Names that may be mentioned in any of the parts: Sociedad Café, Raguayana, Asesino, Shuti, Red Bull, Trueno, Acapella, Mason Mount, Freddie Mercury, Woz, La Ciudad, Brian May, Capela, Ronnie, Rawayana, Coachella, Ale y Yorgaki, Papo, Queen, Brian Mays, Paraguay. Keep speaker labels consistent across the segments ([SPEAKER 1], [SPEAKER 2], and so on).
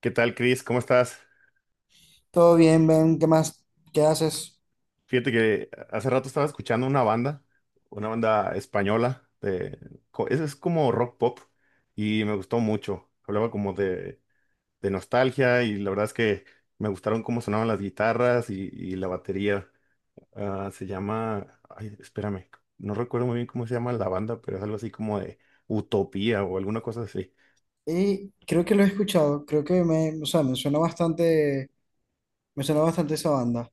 [SPEAKER 1] ¿Qué tal, Chris? ¿Cómo estás?
[SPEAKER 2] Todo bien, Ben, ¿qué más? ¿Qué haces?
[SPEAKER 1] Fíjate que hace rato estaba escuchando una banda española, de, es como rock pop, y me gustó mucho. Hablaba como de nostalgia, y la verdad es que me gustaron cómo sonaban las guitarras y, la batería. Ah, se llama, ay, espérame, no recuerdo muy bien cómo se llama la banda, pero es algo así como de Utopía o alguna cosa así.
[SPEAKER 2] Y creo que lo he escuchado, creo que me suena bastante esa banda,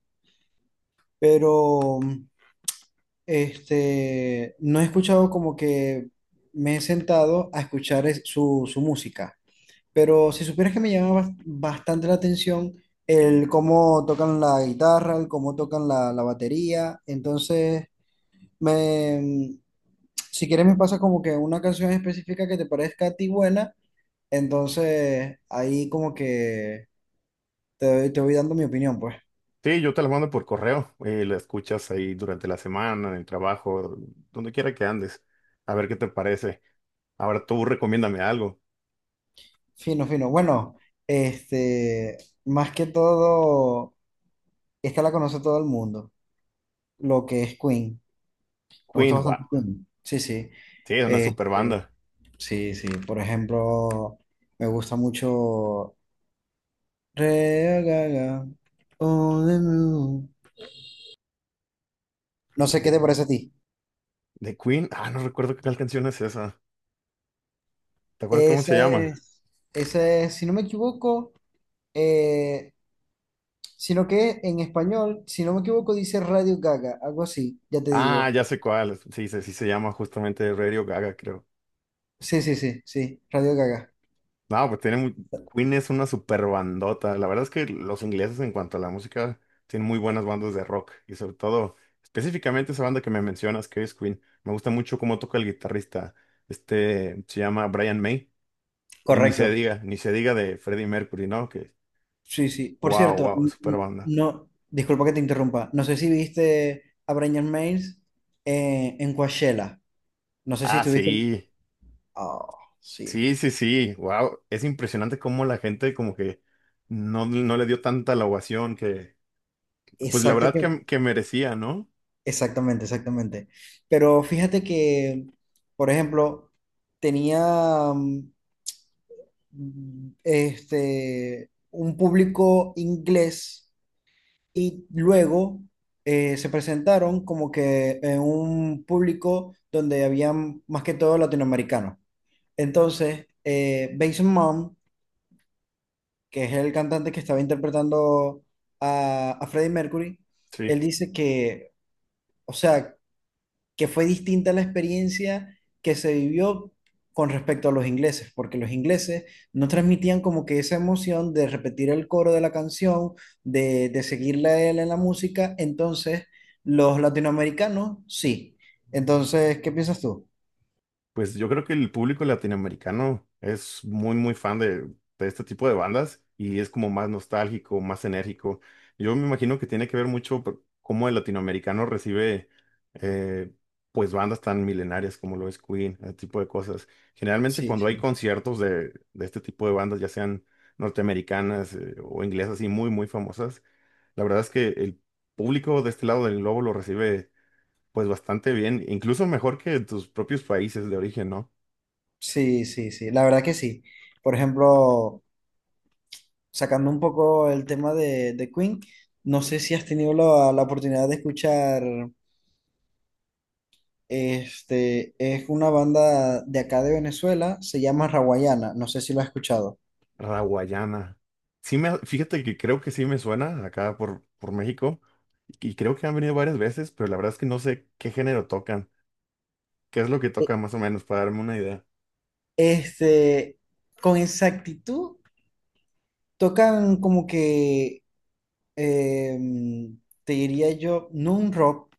[SPEAKER 2] pero no he escuchado como que me he sentado a escuchar su música, pero si supieras que me llama bastante la atención el cómo tocan la guitarra, el cómo tocan la batería. Entonces me, si quieres me pasa como que una canción específica que te parezca a ti buena. Entonces, ahí como que te voy dando mi opinión, pues.
[SPEAKER 1] Sí, yo te las mando por correo, la escuchas ahí durante la semana, en el trabajo, donde quiera que andes, a ver qué te parece. Ahora tú recomiéndame algo.
[SPEAKER 2] Fino, fino. Bueno, este, más que todo, esta la conoce todo el mundo, lo que es Queen. Me gusta
[SPEAKER 1] Queen, wow,
[SPEAKER 2] bastante Queen. Sí, sí.
[SPEAKER 1] sí, es una super
[SPEAKER 2] Este,
[SPEAKER 1] banda.
[SPEAKER 2] sí, sí. Por ejemplo, me gusta mucho Red on the Moon. No sé qué
[SPEAKER 1] De,
[SPEAKER 2] te parece a ti.
[SPEAKER 1] de Queen, ah, no recuerdo qué tal canción es esa. ¿Te acuerdas cómo se
[SPEAKER 2] Esa
[SPEAKER 1] llama?
[SPEAKER 2] es, esa es, si no me equivoco, eh, sino que en español, si no me equivoco, dice Radio Gaga, algo así, ya te
[SPEAKER 1] Ah,
[SPEAKER 2] digo.
[SPEAKER 1] ya sé cuál, sí, sí, sí se llama justamente Radio Gaga, creo.
[SPEAKER 2] Sí, sí, sí, sí, Radio Gaga.
[SPEAKER 1] No, pues tiene Queen es una super bandota. La verdad es que los ingleses en cuanto a la música tienen muy buenas bandas de rock y sobre todo específicamente esa banda que me mencionas que es Queen. Me gusta mucho cómo toca el guitarrista. Este se llama Brian May, y ni se
[SPEAKER 2] Correcto.
[SPEAKER 1] diga, ni se diga de Freddie Mercury, ¿no? Que
[SPEAKER 2] Sí, sí. Por
[SPEAKER 1] wow,
[SPEAKER 2] cierto,
[SPEAKER 1] wow, super banda.
[SPEAKER 2] no, disculpa que te interrumpa. No sé si viste a Brian Mays en Coachella. No sé si
[SPEAKER 1] Ah,
[SPEAKER 2] estuviste.
[SPEAKER 1] sí.
[SPEAKER 2] Oh, sí.
[SPEAKER 1] Sí, sí, sí. Wow, es impresionante cómo la gente como que no, no le dio tanta la ovación que, pues la
[SPEAKER 2] Exacto
[SPEAKER 1] verdad
[SPEAKER 2] que,
[SPEAKER 1] que merecía, ¿no?
[SPEAKER 2] exactamente, exactamente. Pero fíjate que, por ejemplo, tenía un público inglés y luego se presentaron como que en un público donde habían más que todo latinoamericanos. Entonces, Mason Mount, que es el cantante que estaba interpretando a Freddie Mercury, él
[SPEAKER 1] Sí.
[SPEAKER 2] dice que, o sea, que fue distinta la experiencia que se vivió con respecto a los ingleses, porque los ingleses no transmitían como que esa emoción de repetir el coro de la canción, de seguirla a él en la música. Entonces los latinoamericanos sí. Entonces, ¿qué piensas tú?
[SPEAKER 1] Pues yo creo que el público latinoamericano es muy, muy fan de este tipo de bandas, y es como más nostálgico, más enérgico. Yo me imagino que tiene que ver mucho por cómo el latinoamericano recibe eh, pues bandas tan milenarias como lo es Queen, ese tipo de cosas. Generalmente
[SPEAKER 2] Sí,
[SPEAKER 1] cuando hay
[SPEAKER 2] sí.
[SPEAKER 1] conciertos de este tipo de bandas, ya sean norteamericanas, o inglesas y muy, muy famosas, la verdad es que el público de este lado del globo lo recibe pues bastante bien, incluso mejor que tus propios países de origen, ¿no?
[SPEAKER 2] Sí, sí, sí, la verdad que sí. Por ejemplo, sacando un poco el tema de Queen, no sé si has tenido la oportunidad de escuchar. Es una banda de acá de Venezuela, se llama Rawayana, no sé si lo has escuchado.
[SPEAKER 1] Raguayana. Sí me, fíjate que creo que sí me suena acá por México, y creo que han venido varias veces, pero la verdad es que no sé qué género tocan, qué es lo que
[SPEAKER 2] E-
[SPEAKER 1] tocan más o menos para darme una idea.
[SPEAKER 2] Este, con exactitud, tocan como que, em, te diría yo, no un rock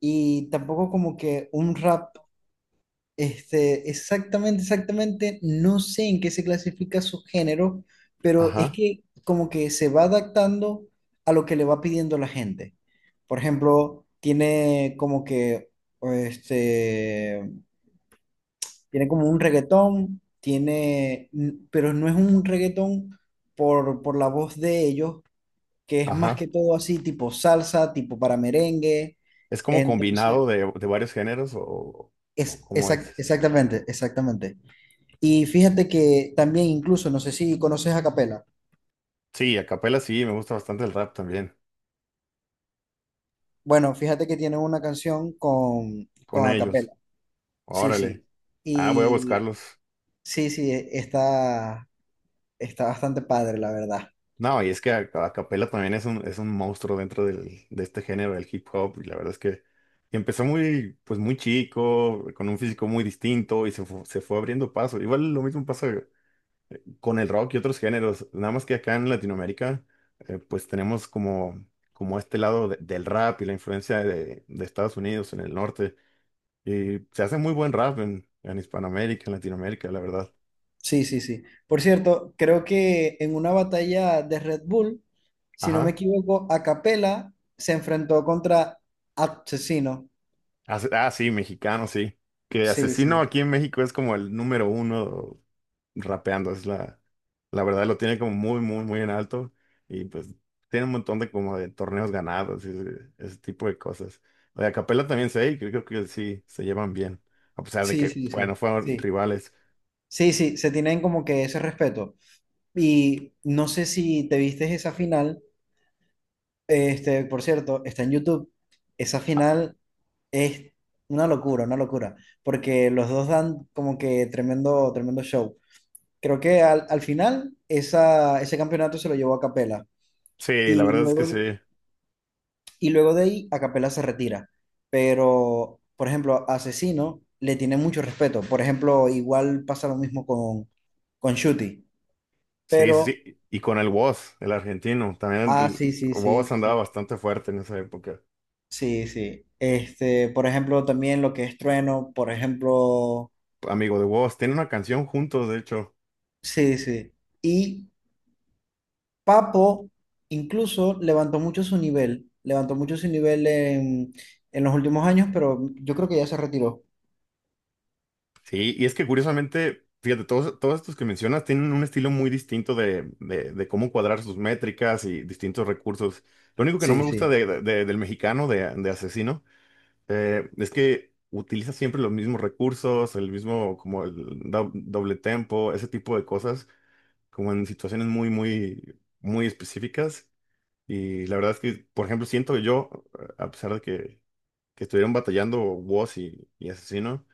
[SPEAKER 2] y tampoco como que un rap. Exactamente, exactamente, no sé en qué se clasifica su género, pero es
[SPEAKER 1] Ajá,
[SPEAKER 2] que como que se va adaptando a lo que le va pidiendo la gente. Por ejemplo, tiene como que, este, tiene como un reggaetón, tiene, pero no es un reggaetón por la voz de ellos, que es más que
[SPEAKER 1] ajá.
[SPEAKER 2] todo así, tipo salsa, tipo para merengue.
[SPEAKER 1] ¿Es como
[SPEAKER 2] Entonces,
[SPEAKER 1] combinado de varios géneros, o
[SPEAKER 2] es,
[SPEAKER 1] cómo es?
[SPEAKER 2] exactamente, exactamente. Y fíjate que también incluso, no sé si conoces a Capela.
[SPEAKER 1] Sí, a capela sí, me gusta bastante el rap también,
[SPEAKER 2] Bueno, fíjate que tiene una canción
[SPEAKER 1] con
[SPEAKER 2] con a
[SPEAKER 1] ellos.
[SPEAKER 2] Capela. Sí,
[SPEAKER 1] Órale.
[SPEAKER 2] sí.
[SPEAKER 1] Ah, voy a
[SPEAKER 2] Y
[SPEAKER 1] buscarlos.
[SPEAKER 2] sí, sí, está, está bastante padre, la verdad.
[SPEAKER 1] No, y es que Acapella también es un monstruo dentro del, de este género del hip hop, y la verdad es que empezó muy, pues muy chico, con un físico muy distinto, y se se fue abriendo paso. Igual lo mismo pasa con el rock y otros géneros, nada más que acá en Latinoamérica, pues tenemos como, como este lado del rap y la influencia de Estados Unidos en el norte, y se hace muy buen rap en Hispanoamérica, en Latinoamérica, la verdad.
[SPEAKER 2] Sí, sí, sí. Por cierto, creo que en una batalla de Red Bull, si no me
[SPEAKER 1] Ajá.
[SPEAKER 2] equivoco, a Capela se enfrentó contra Asesino.
[SPEAKER 1] Ah, sí, mexicano, sí. Que
[SPEAKER 2] Sí,
[SPEAKER 1] Asesino
[SPEAKER 2] sí,
[SPEAKER 1] aquí en México es como el número uno rapeando, es la, la verdad lo tiene como muy, muy, muy en alto, y pues tiene un montón de como de torneos ganados y ese tipo de cosas. Lo de Acapella también sé, y creo que sí, se llevan bien, a pesar de
[SPEAKER 2] sí,
[SPEAKER 1] que,
[SPEAKER 2] sí,
[SPEAKER 1] bueno,
[SPEAKER 2] sí,
[SPEAKER 1] fueron
[SPEAKER 2] sí.
[SPEAKER 1] rivales.
[SPEAKER 2] Sí, sí, se tienen como que ese respeto. Y no sé si te viste esa final. Por cierto, está en YouTube. Esa
[SPEAKER 1] Ah,
[SPEAKER 2] final es una locura, porque los dos dan como que tremendo, tremendo show. Creo que al final esa, ese campeonato se lo llevó a Capela
[SPEAKER 1] sí, la
[SPEAKER 2] y
[SPEAKER 1] verdad es que sí,
[SPEAKER 2] luego, y luego de ahí a Capela se retira. Pero, por ejemplo, a Asesino le tiene mucho respeto. Por ejemplo, igual pasa lo mismo con Shuti.
[SPEAKER 1] sí, sí,
[SPEAKER 2] Pero,
[SPEAKER 1] sí. Y con el Woz, el argentino, también
[SPEAKER 2] ah, sí,
[SPEAKER 1] el
[SPEAKER 2] sí,
[SPEAKER 1] Woz
[SPEAKER 2] sí.
[SPEAKER 1] andaba
[SPEAKER 2] Sí.
[SPEAKER 1] bastante fuerte en esa época.
[SPEAKER 2] Sí, sí. Por ejemplo, también lo que es Trueno, por ejemplo,
[SPEAKER 1] Amigo de Woz, tiene una canción juntos, de hecho.
[SPEAKER 2] sí, sí. Y Papo incluso levantó mucho su nivel, levantó mucho su nivel en los últimos años, pero yo creo que ya se retiró.
[SPEAKER 1] Sí, y es que curiosamente, fíjate, todos, todos estos que mencionas tienen un estilo muy distinto de, de cómo cuadrar sus métricas y distintos recursos. Lo único que no
[SPEAKER 2] Sí,
[SPEAKER 1] me gusta
[SPEAKER 2] sí.
[SPEAKER 1] del mexicano, de Asesino, es que utiliza siempre los mismos recursos, el mismo, como el doble tempo, ese tipo de cosas, como en situaciones muy, muy, muy específicas. Y la verdad es que, por ejemplo, siento que yo, a pesar de que estuvieron batallando Woz y Asesino,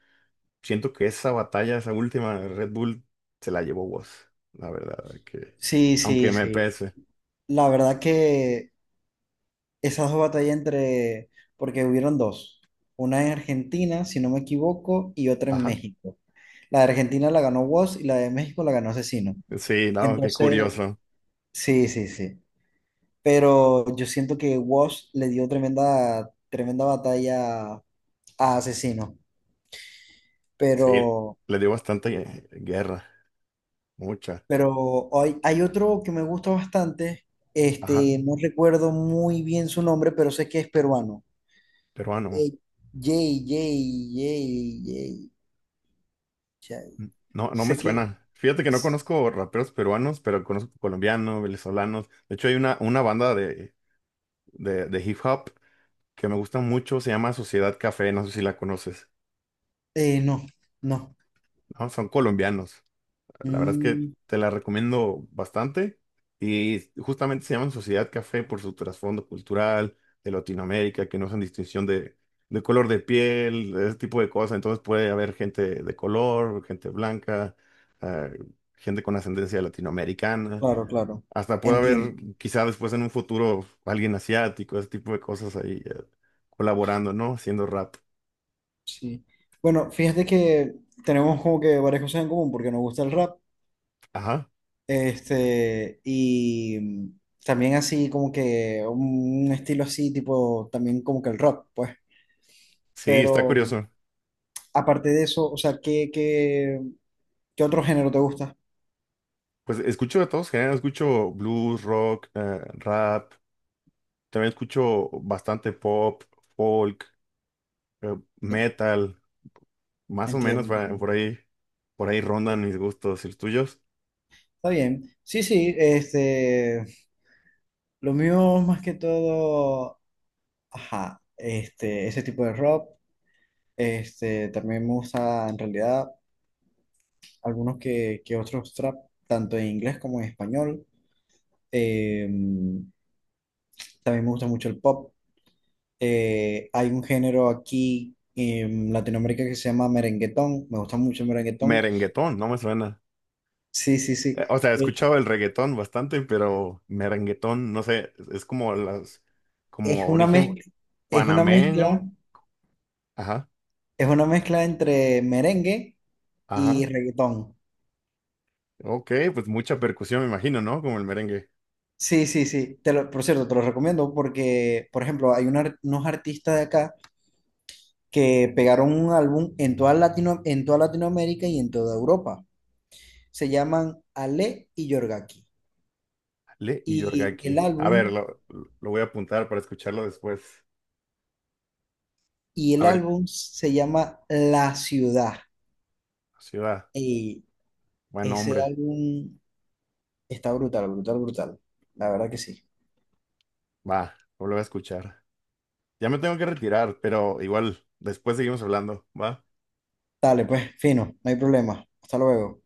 [SPEAKER 1] siento que esa batalla, esa última de Red Bull, se la llevó vos, la verdad, que
[SPEAKER 2] Sí,
[SPEAKER 1] aunque
[SPEAKER 2] sí,
[SPEAKER 1] me
[SPEAKER 2] sí.
[SPEAKER 1] pese.
[SPEAKER 2] La verdad que esas dos batallas entre, porque hubieron dos, una en Argentina, si no me equivoco, y otra en
[SPEAKER 1] Ajá.
[SPEAKER 2] México. La de Argentina la ganó Woz y la de México la ganó Asesino.
[SPEAKER 1] Sí, no, qué
[SPEAKER 2] Entonces,
[SPEAKER 1] curioso.
[SPEAKER 2] sí, sí, sí, pero yo siento que Wash le dio tremenda, tremenda batalla a Asesino.
[SPEAKER 1] Sí,
[SPEAKER 2] Pero,
[SPEAKER 1] le dio bastante guerra, mucha.
[SPEAKER 2] pero hay, hay otro que me gusta bastante,
[SPEAKER 1] Ajá,
[SPEAKER 2] no recuerdo muy bien su nombre, pero sé que es peruano.
[SPEAKER 1] peruano.
[SPEAKER 2] Eh, Jay, Jay, Jay, Jay, Jay.
[SPEAKER 1] No, no me
[SPEAKER 2] Sé que...
[SPEAKER 1] suena. Fíjate que no conozco raperos peruanos, pero conozco colombianos, venezolanos. De hecho, hay una banda de hip hop que me gusta mucho, se llama Sociedad Café, no sé si la conoces.
[SPEAKER 2] no, no.
[SPEAKER 1] No, son colombianos. La verdad es que
[SPEAKER 2] Mm,
[SPEAKER 1] te la recomiendo bastante, y justamente se llaman Sociedad Café por su trasfondo cultural de Latinoamérica, que no hacen distinción de color de piel, de ese tipo de cosas. Entonces puede haber gente de color, gente blanca, eh, gente con ascendencia latinoamericana.
[SPEAKER 2] claro, claro.
[SPEAKER 1] Hasta puede haber,
[SPEAKER 2] Entiendo.
[SPEAKER 1] quizá después en un futuro, alguien asiático, ese tipo de cosas ahí colaborando, ¿no? Haciendo rap.
[SPEAKER 2] Sí. Bueno, fíjate que tenemos como que varias cosas en común porque nos gusta el rap.
[SPEAKER 1] Ajá.
[SPEAKER 2] Y también así como que un estilo así, tipo, también como que el rock, pues.
[SPEAKER 1] Sí, está
[SPEAKER 2] Pero
[SPEAKER 1] curioso.
[SPEAKER 2] aparte de eso, o sea, ¿qué, qué, qué otro género te gusta?
[SPEAKER 1] Pues escucho de todos géneros, escucho blues, rock, rap, también escucho bastante pop, folk, eh,
[SPEAKER 2] En-
[SPEAKER 1] metal, más o menos
[SPEAKER 2] Entiendo.
[SPEAKER 1] por ahí rondan mis gustos y los tuyos.
[SPEAKER 2] Está bien. Sí, sí, lo mío más que todo, ajá, ese tipo de rock, también me gusta en realidad algunos que otros trap, tanto en inglés como en español. Em, también me gusta mucho el pop. Hay un género aquí en Latinoamérica que se llama merenguetón. Me gusta mucho el merenguetón.
[SPEAKER 1] Merenguetón, no me suena.
[SPEAKER 2] Sí, sí, sí.
[SPEAKER 1] O sea, he
[SPEAKER 2] Eh,
[SPEAKER 1] escuchado el reggaetón bastante, pero merenguetón, no sé, es como las,
[SPEAKER 2] es
[SPEAKER 1] como
[SPEAKER 2] una... Ah, bueno,
[SPEAKER 1] origen
[SPEAKER 2] mezcla, es una mezcla,
[SPEAKER 1] panameño. Ajá,
[SPEAKER 2] es una mezcla entre merengue y
[SPEAKER 1] ajá.
[SPEAKER 2] reggaetón.
[SPEAKER 1] Ok, pues mucha percusión, me imagino, ¿no? Como el merengue.
[SPEAKER 2] Sí, sí, sí. Por cierto, te lo recomiendo porque, por ejemplo, hay unos artistas de acá que pegaron un álbum en toda Latino, en toda Latinoamérica y en toda Europa. Se llaman Ale y Yorgaki.
[SPEAKER 1] Le y
[SPEAKER 2] Y el
[SPEAKER 1] Yorgaki. A ver,
[SPEAKER 2] álbum
[SPEAKER 1] lo voy a apuntar para escucharlo después.
[SPEAKER 2] y
[SPEAKER 1] A
[SPEAKER 2] el
[SPEAKER 1] ver,
[SPEAKER 2] álbum se llama La Ciudad.
[SPEAKER 1] sí va.
[SPEAKER 2] Y
[SPEAKER 1] Buen
[SPEAKER 2] ese
[SPEAKER 1] hombre.
[SPEAKER 2] álbum está brutal, brutal, brutal. La verdad que sí.
[SPEAKER 1] Va, lo voy a escuchar. Ya me tengo que retirar, pero igual, después seguimos hablando, ¿va?
[SPEAKER 2] Dale, pues, fino, no hay problema. Hasta luego.